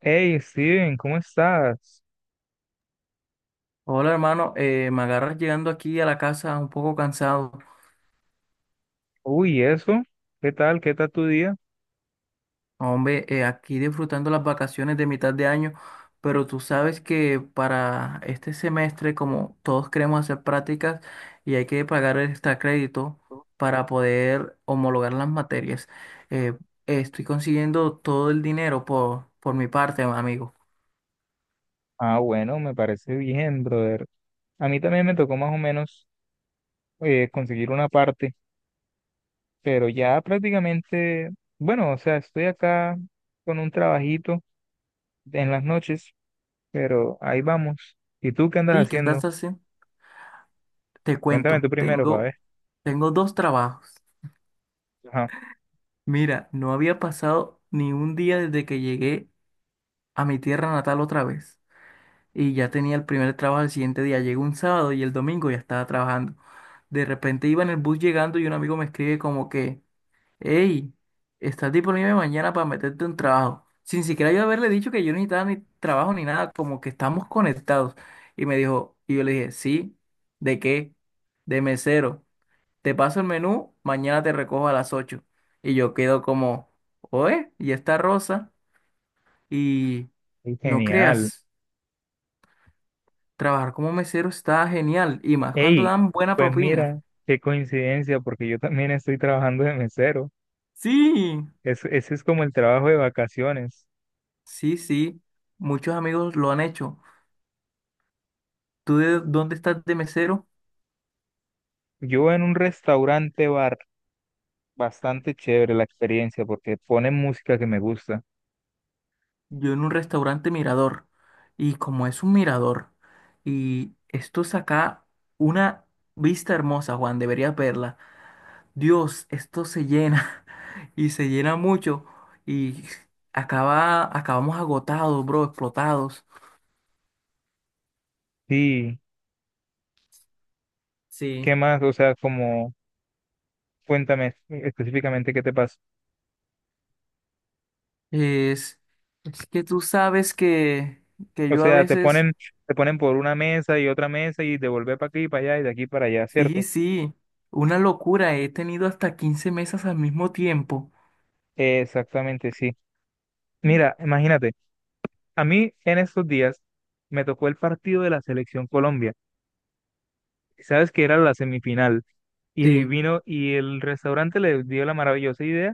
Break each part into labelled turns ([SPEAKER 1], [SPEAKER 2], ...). [SPEAKER 1] Hey Steven, ¿cómo estás?
[SPEAKER 2] Hola hermano, me agarras llegando aquí a la casa un poco cansado.
[SPEAKER 1] Uy, ¿eso? ¿Qué tal? ¿Qué tal tu día?
[SPEAKER 2] Hombre, aquí disfrutando las vacaciones de mitad de año, pero tú sabes que para este semestre, como todos queremos hacer prácticas y hay que pagar el extra crédito para poder homologar las materias, eh, estoy consiguiendo todo el dinero por mi parte, amigo.
[SPEAKER 1] Ah, bueno, me parece bien, brother. A mí también me tocó más o menos conseguir una parte, pero ya prácticamente, bueno, o sea, estoy acá con un trabajito en las noches, pero ahí vamos. ¿Y tú qué andas
[SPEAKER 2] Sí, ¿qué
[SPEAKER 1] haciendo?
[SPEAKER 2] estás haciendo? Te
[SPEAKER 1] Cuéntame tú
[SPEAKER 2] cuento,
[SPEAKER 1] primero, para
[SPEAKER 2] tengo,
[SPEAKER 1] ver.
[SPEAKER 2] tengo dos trabajos.
[SPEAKER 1] Ajá.
[SPEAKER 2] Mira, no había pasado ni un día desde que llegué a mi tierra natal otra vez. Y ya tenía el primer trabajo el siguiente día. Llegó un sábado y el domingo ya estaba trabajando. De repente iba en el bus llegando y un amigo me escribe como que, hey, ¿estás disponible mañana para meterte un trabajo? Sin siquiera yo haberle dicho que yo no necesitaba ni trabajo ni nada, como que estamos conectados. Y me dijo, y yo le dije, sí, ¿de qué? De mesero. Te paso el menú, mañana te recojo a las 8. Y yo quedo como, oye, y está Rosa. Y
[SPEAKER 1] Ey,
[SPEAKER 2] no
[SPEAKER 1] genial.
[SPEAKER 2] creas. Trabajar como mesero está genial y más cuando
[SPEAKER 1] Hey,
[SPEAKER 2] dan buena
[SPEAKER 1] pues
[SPEAKER 2] propina.
[SPEAKER 1] mira, qué coincidencia, porque yo también estoy trabajando de mesero.
[SPEAKER 2] Sí,
[SPEAKER 1] Ese es como el trabajo de vacaciones.
[SPEAKER 2] sí, sí. Muchos amigos lo han hecho. ¿Tú de dónde estás de mesero?
[SPEAKER 1] Yo en un restaurante bar, bastante chévere la experiencia porque ponen música que me gusta.
[SPEAKER 2] Yo en un restaurante mirador. Y como es un mirador, y esto saca una vista hermosa, Juan, deberías verla. Dios, esto se llena y se llena mucho y acaba, acabamos agotados, bro, explotados.
[SPEAKER 1] Sí, ¿qué
[SPEAKER 2] Sí.
[SPEAKER 1] más? O sea, como, cuéntame específicamente qué te pasa.
[SPEAKER 2] Es, es que tú sabes que
[SPEAKER 1] O
[SPEAKER 2] yo a
[SPEAKER 1] sea,
[SPEAKER 2] veces,
[SPEAKER 1] te ponen por una mesa y otra mesa y de volver para aquí y para allá y de aquí para allá,
[SPEAKER 2] sí,
[SPEAKER 1] ¿cierto?
[SPEAKER 2] sí, una locura, he tenido hasta 15 mesas al mismo tiempo.
[SPEAKER 1] Exactamente, sí. Mira, imagínate, a mí en estos días me tocó el partido de la selección Colombia. Sabes que era la semifinal y
[SPEAKER 2] Sí,
[SPEAKER 1] vino y el restaurante le dio la maravillosa idea,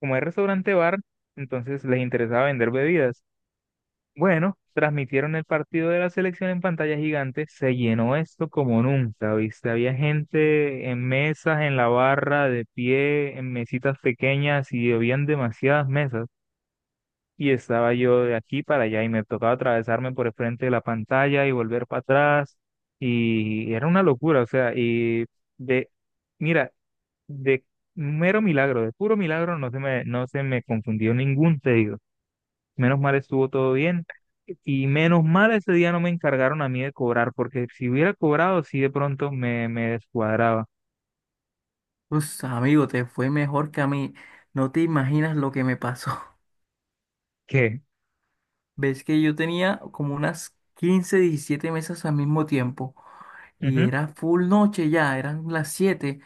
[SPEAKER 1] como es restaurante bar, entonces les interesaba vender bebidas. Bueno, transmitieron el partido de la selección en pantalla gigante, se llenó esto como nunca, ¿viste? Había gente en mesas, en la barra, de pie, en mesitas pequeñas y habían demasiadas mesas y estaba yo de aquí para allá y me tocaba atravesarme por el frente de la pantalla y volver para atrás y era una locura, o sea, y de, mira, de mero milagro, de puro milagro no se me confundió ningún pedido. Menos mal estuvo todo bien y menos mal ese día no me encargaron a mí de cobrar porque si hubiera cobrado sí de pronto me descuadraba.
[SPEAKER 2] pues amigo, te fue mejor que a mí. No te imaginas lo que me pasó.
[SPEAKER 1] ¿Qué?
[SPEAKER 2] Ves que yo tenía como unas 15 17 mesas al mismo tiempo. Y
[SPEAKER 1] Ujú.
[SPEAKER 2] era full noche ya, eran las 7,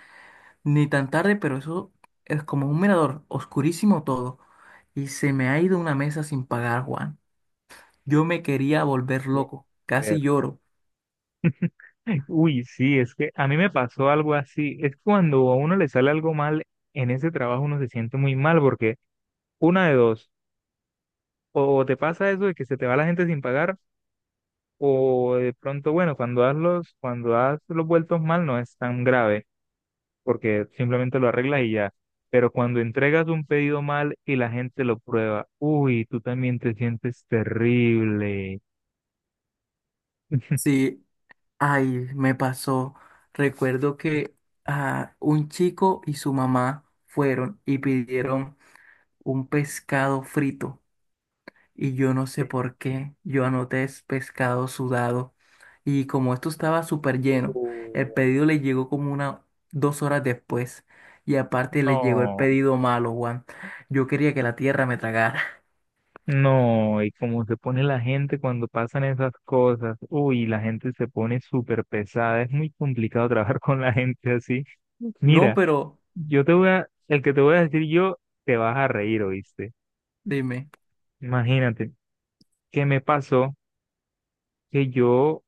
[SPEAKER 2] ni tan tarde, pero eso es como un mirador, oscurísimo todo. Y se me ha ido una mesa sin pagar, Juan. Yo me quería volver loco, casi lloro.
[SPEAKER 1] Uy, sí, es que a mí me pasó algo así. Es cuando a uno le sale algo mal en ese trabajo, uno se siente muy mal porque una de dos, o te pasa eso de que se te va la gente sin pagar, o de pronto, bueno, cuando das los vueltos mal no es tan grave porque simplemente lo arreglas y ya. Pero cuando entregas un pedido mal y la gente lo prueba, uy, tú también te sientes terrible.
[SPEAKER 2] Sí, ay, me pasó. Recuerdo que ah, un chico y su mamá fueron y pidieron un pescado frito y yo no sé por qué, yo anoté es pescado sudado y como esto estaba súper lleno, el
[SPEAKER 1] Uh,
[SPEAKER 2] pedido le llegó como una 2 horas después y aparte le llegó el
[SPEAKER 1] no.
[SPEAKER 2] pedido malo, Juan. Yo quería que la tierra me tragara.
[SPEAKER 1] No, y cómo se pone la gente cuando pasan esas cosas. Uy, la gente se pone súper pesada. Es muy complicado trabajar con la gente así.
[SPEAKER 2] No,
[SPEAKER 1] Mira,
[SPEAKER 2] pero
[SPEAKER 1] yo te voy a, el que te voy a decir yo, te vas a reír, ¿oíste?
[SPEAKER 2] dime.
[SPEAKER 1] Imagínate, que me pasó que yo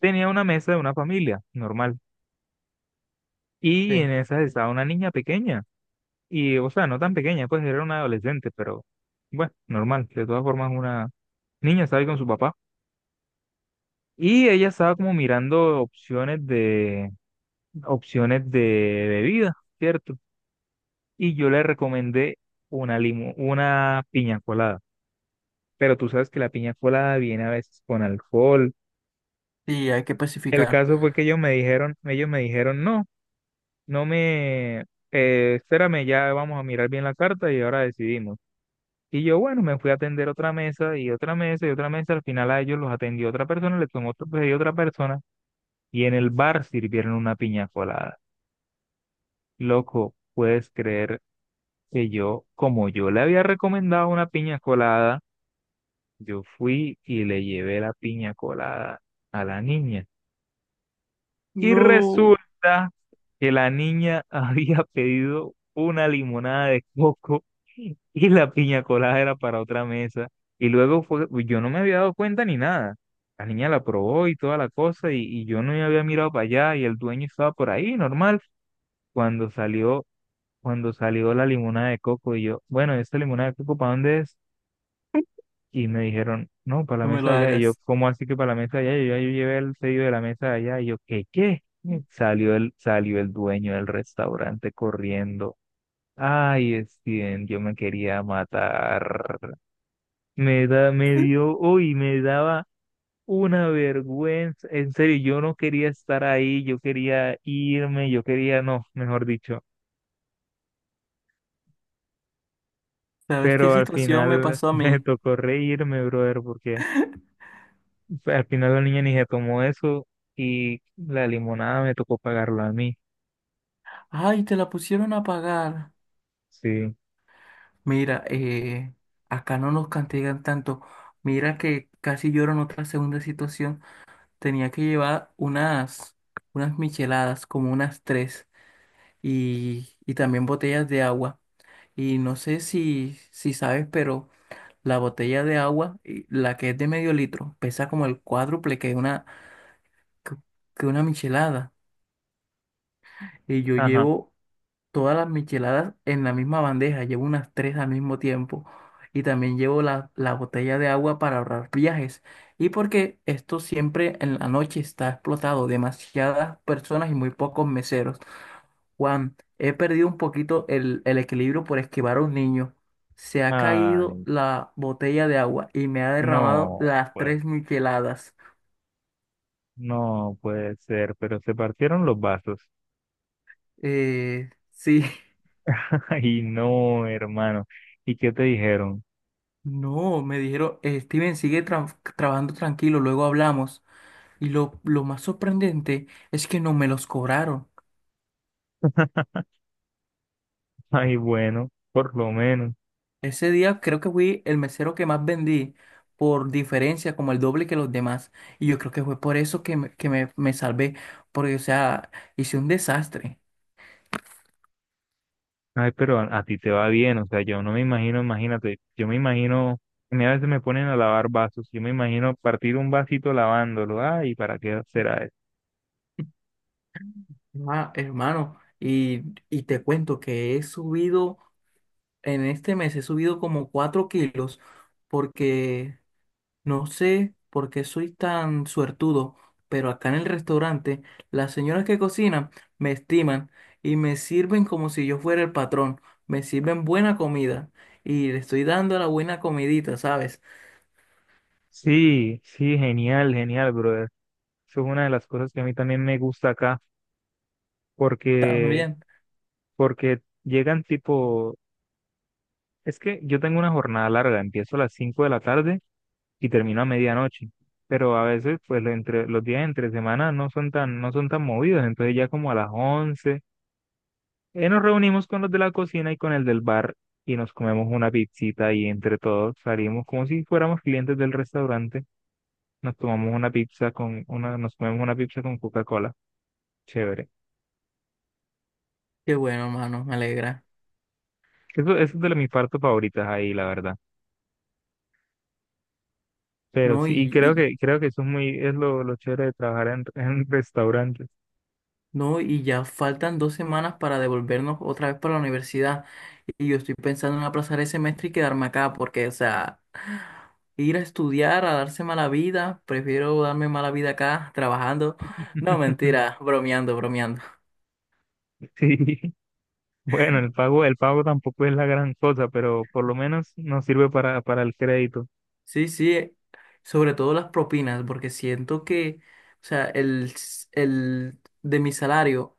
[SPEAKER 1] tenía una mesa de una familia normal y
[SPEAKER 2] Sí.
[SPEAKER 1] en esa estaba una niña pequeña. Y, o sea, no tan pequeña, pues era una adolescente, pero bueno, normal. De todas formas, una niña estaba ahí con su papá. Y ella estaba como mirando opciones de bebida, ¿cierto? Y yo le recomendé una limo, una piña colada. Pero tú sabes que la piña colada viene a veces con alcohol.
[SPEAKER 2] Sí, hay que
[SPEAKER 1] El
[SPEAKER 2] pacificar.
[SPEAKER 1] caso fue que ellos me dijeron, no, no me, espérame, ya vamos a mirar bien la carta y ahora decidimos. Y yo, bueno, me fui a atender otra mesa y otra mesa y otra mesa. Al final a ellos los atendió otra persona, le tomó pedido otra persona. Y en el bar sirvieron una piña colada. Loco, puedes creer que yo, como yo le había recomendado una piña colada, yo fui y le llevé la piña colada a la niña. Y
[SPEAKER 2] No,
[SPEAKER 1] resulta que la niña había pedido una limonada de coco y la piña colada era para otra mesa. Y luego fue, pues, yo no me había dado cuenta ni nada. La niña la probó y toda la cosa y yo no me había mirado para allá y el dueño estaba por ahí, normal. Cuando salió Cuando salió la limonada de coco y yo, bueno, ¿esta limonada de coco para dónde es? Y me dijeron, no, para la
[SPEAKER 2] no me
[SPEAKER 1] mesa
[SPEAKER 2] lo
[SPEAKER 1] de allá. Y yo,
[SPEAKER 2] hagas.
[SPEAKER 1] ¿cómo así que para la mesa de allá? Y yo, "Ah, yo llevé el pedido de la mesa de allá. Y yo, ¿qué, qué? Salió el dueño del restaurante corriendo. Ay, Steven, yo me quería matar. Me dio, uy, me daba una vergüenza. En serio, yo no quería estar ahí, yo quería irme, yo quería, no, mejor dicho.
[SPEAKER 2] ¿Sabes qué
[SPEAKER 1] Pero al
[SPEAKER 2] situación me
[SPEAKER 1] final
[SPEAKER 2] pasó a
[SPEAKER 1] me
[SPEAKER 2] mí?
[SPEAKER 1] tocó reírme, brother, porque al final la niña ni se tomó eso y la limonada me tocó pagarla a mí.
[SPEAKER 2] Ay, te la pusieron a pagar.
[SPEAKER 1] Sí,
[SPEAKER 2] Mira, acá no nos castigan tanto. Mira que casi lloro en otra segunda situación. Tenía que llevar unas micheladas, como unas tres, y también botellas de agua. Y no sé si sabes, pero la botella de agua, y la que es de medio litro, pesa como el cuádruple que una, que que una michelada. Y yo
[SPEAKER 1] ajá.
[SPEAKER 2] llevo todas las micheladas en la misma bandeja, llevo unas tres al mismo tiempo. Y también llevo la botella de agua para ahorrar viajes. Y porque esto siempre en la noche está explotado, demasiadas personas y muy pocos meseros. Juan, he perdido un poquito el equilibrio por esquivar a un niño. Se ha caído
[SPEAKER 1] Ay,
[SPEAKER 2] la botella de agua y me ha derramado
[SPEAKER 1] no,
[SPEAKER 2] las
[SPEAKER 1] pues.
[SPEAKER 2] tres micheladas.
[SPEAKER 1] No puede ser, pero se partieron los vasos.
[SPEAKER 2] Sí.
[SPEAKER 1] Ay, no, hermano. ¿Y qué te dijeron?
[SPEAKER 2] No, me dijeron: Steven, sigue trabajando tranquilo, luego hablamos". Y lo más sorprendente es que no me los cobraron.
[SPEAKER 1] Ay, bueno, por lo menos.
[SPEAKER 2] Ese día creo que fui el mesero que más vendí, por diferencia, como el doble que los demás. Y yo creo que fue por eso que me salvé, porque, o sea, hice un desastre.
[SPEAKER 1] Ay, pero a ti te va bien, o sea, yo no me imagino, imagínate, yo me imagino, a mí a veces me ponen a lavar vasos, yo me imagino partir un vasito lavándolo, ay, ¿para qué será eso?
[SPEAKER 2] Ah, hermano. Y te cuento que he subido, en este mes he subido como 4 kilos, porque... No sé por qué soy tan suertudo, pero acá en el restaurante las señoras que cocinan me estiman y me sirven como si yo fuera el patrón. Me sirven buena comida y le estoy dando la buena comidita, ¿sabes?
[SPEAKER 1] Sí, sí, genial, genial, brother. Eso es una de las cosas que a mí también me gusta acá, porque,
[SPEAKER 2] También.
[SPEAKER 1] porque llegan tipo, es que yo tengo una jornada larga, empiezo a las 5 de la tarde y termino a medianoche, pero a veces, pues, los días entre semana no son tan movidos, entonces ya como a las 11. Nos reunimos con los de la cocina y con el del bar y nos comemos una pizzita y entre todos salimos como si fuéramos clientes del restaurante. Nos comemos una pizza con Coca-Cola. Chévere.
[SPEAKER 2] Qué bueno, mano, me alegra.
[SPEAKER 1] Eso es de mis partes favoritas ahí, la verdad. Pero
[SPEAKER 2] No,
[SPEAKER 1] sí, y
[SPEAKER 2] y,
[SPEAKER 1] creo que eso es es lo chévere de trabajar en restaurantes.
[SPEAKER 2] No, y ya faltan 2 semanas para devolvernos otra vez para la universidad. Y yo estoy pensando en aplazar el semestre y quedarme acá, porque, o sea, ir a estudiar, a darse mala vida, prefiero darme mala vida acá, trabajando. No, mentira, bromeando, bromeando.
[SPEAKER 1] Sí, bueno, el pago tampoco es la gran cosa, pero por lo menos nos sirve para el crédito.
[SPEAKER 2] Sí, sí, sobre todo las propinas, porque siento que, o sea, el de mi salario,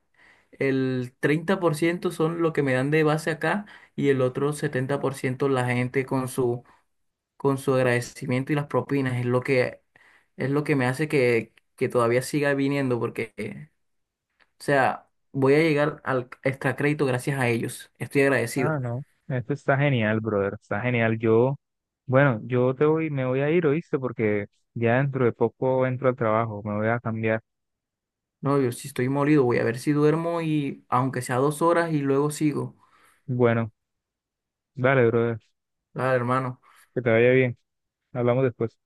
[SPEAKER 2] el 30% son lo que me dan de base acá y el otro 70% la gente con su agradecimiento y las propinas es lo que me hace que todavía siga viniendo porque, o sea, voy a llegar al extra crédito gracias a ellos. Estoy agradecido.
[SPEAKER 1] Ah, no, esto está genial, brother, está genial. Yo bueno, yo te voy, me voy a ir, ¿oíste? Porque ya dentro de poco entro al trabajo, me voy a cambiar.
[SPEAKER 2] No, yo si estoy molido, voy a ver si duermo y aunque sea 2 horas y luego sigo.
[SPEAKER 1] Bueno, dale, brother,
[SPEAKER 2] Claro, hermano.
[SPEAKER 1] que te vaya bien. Hablamos después.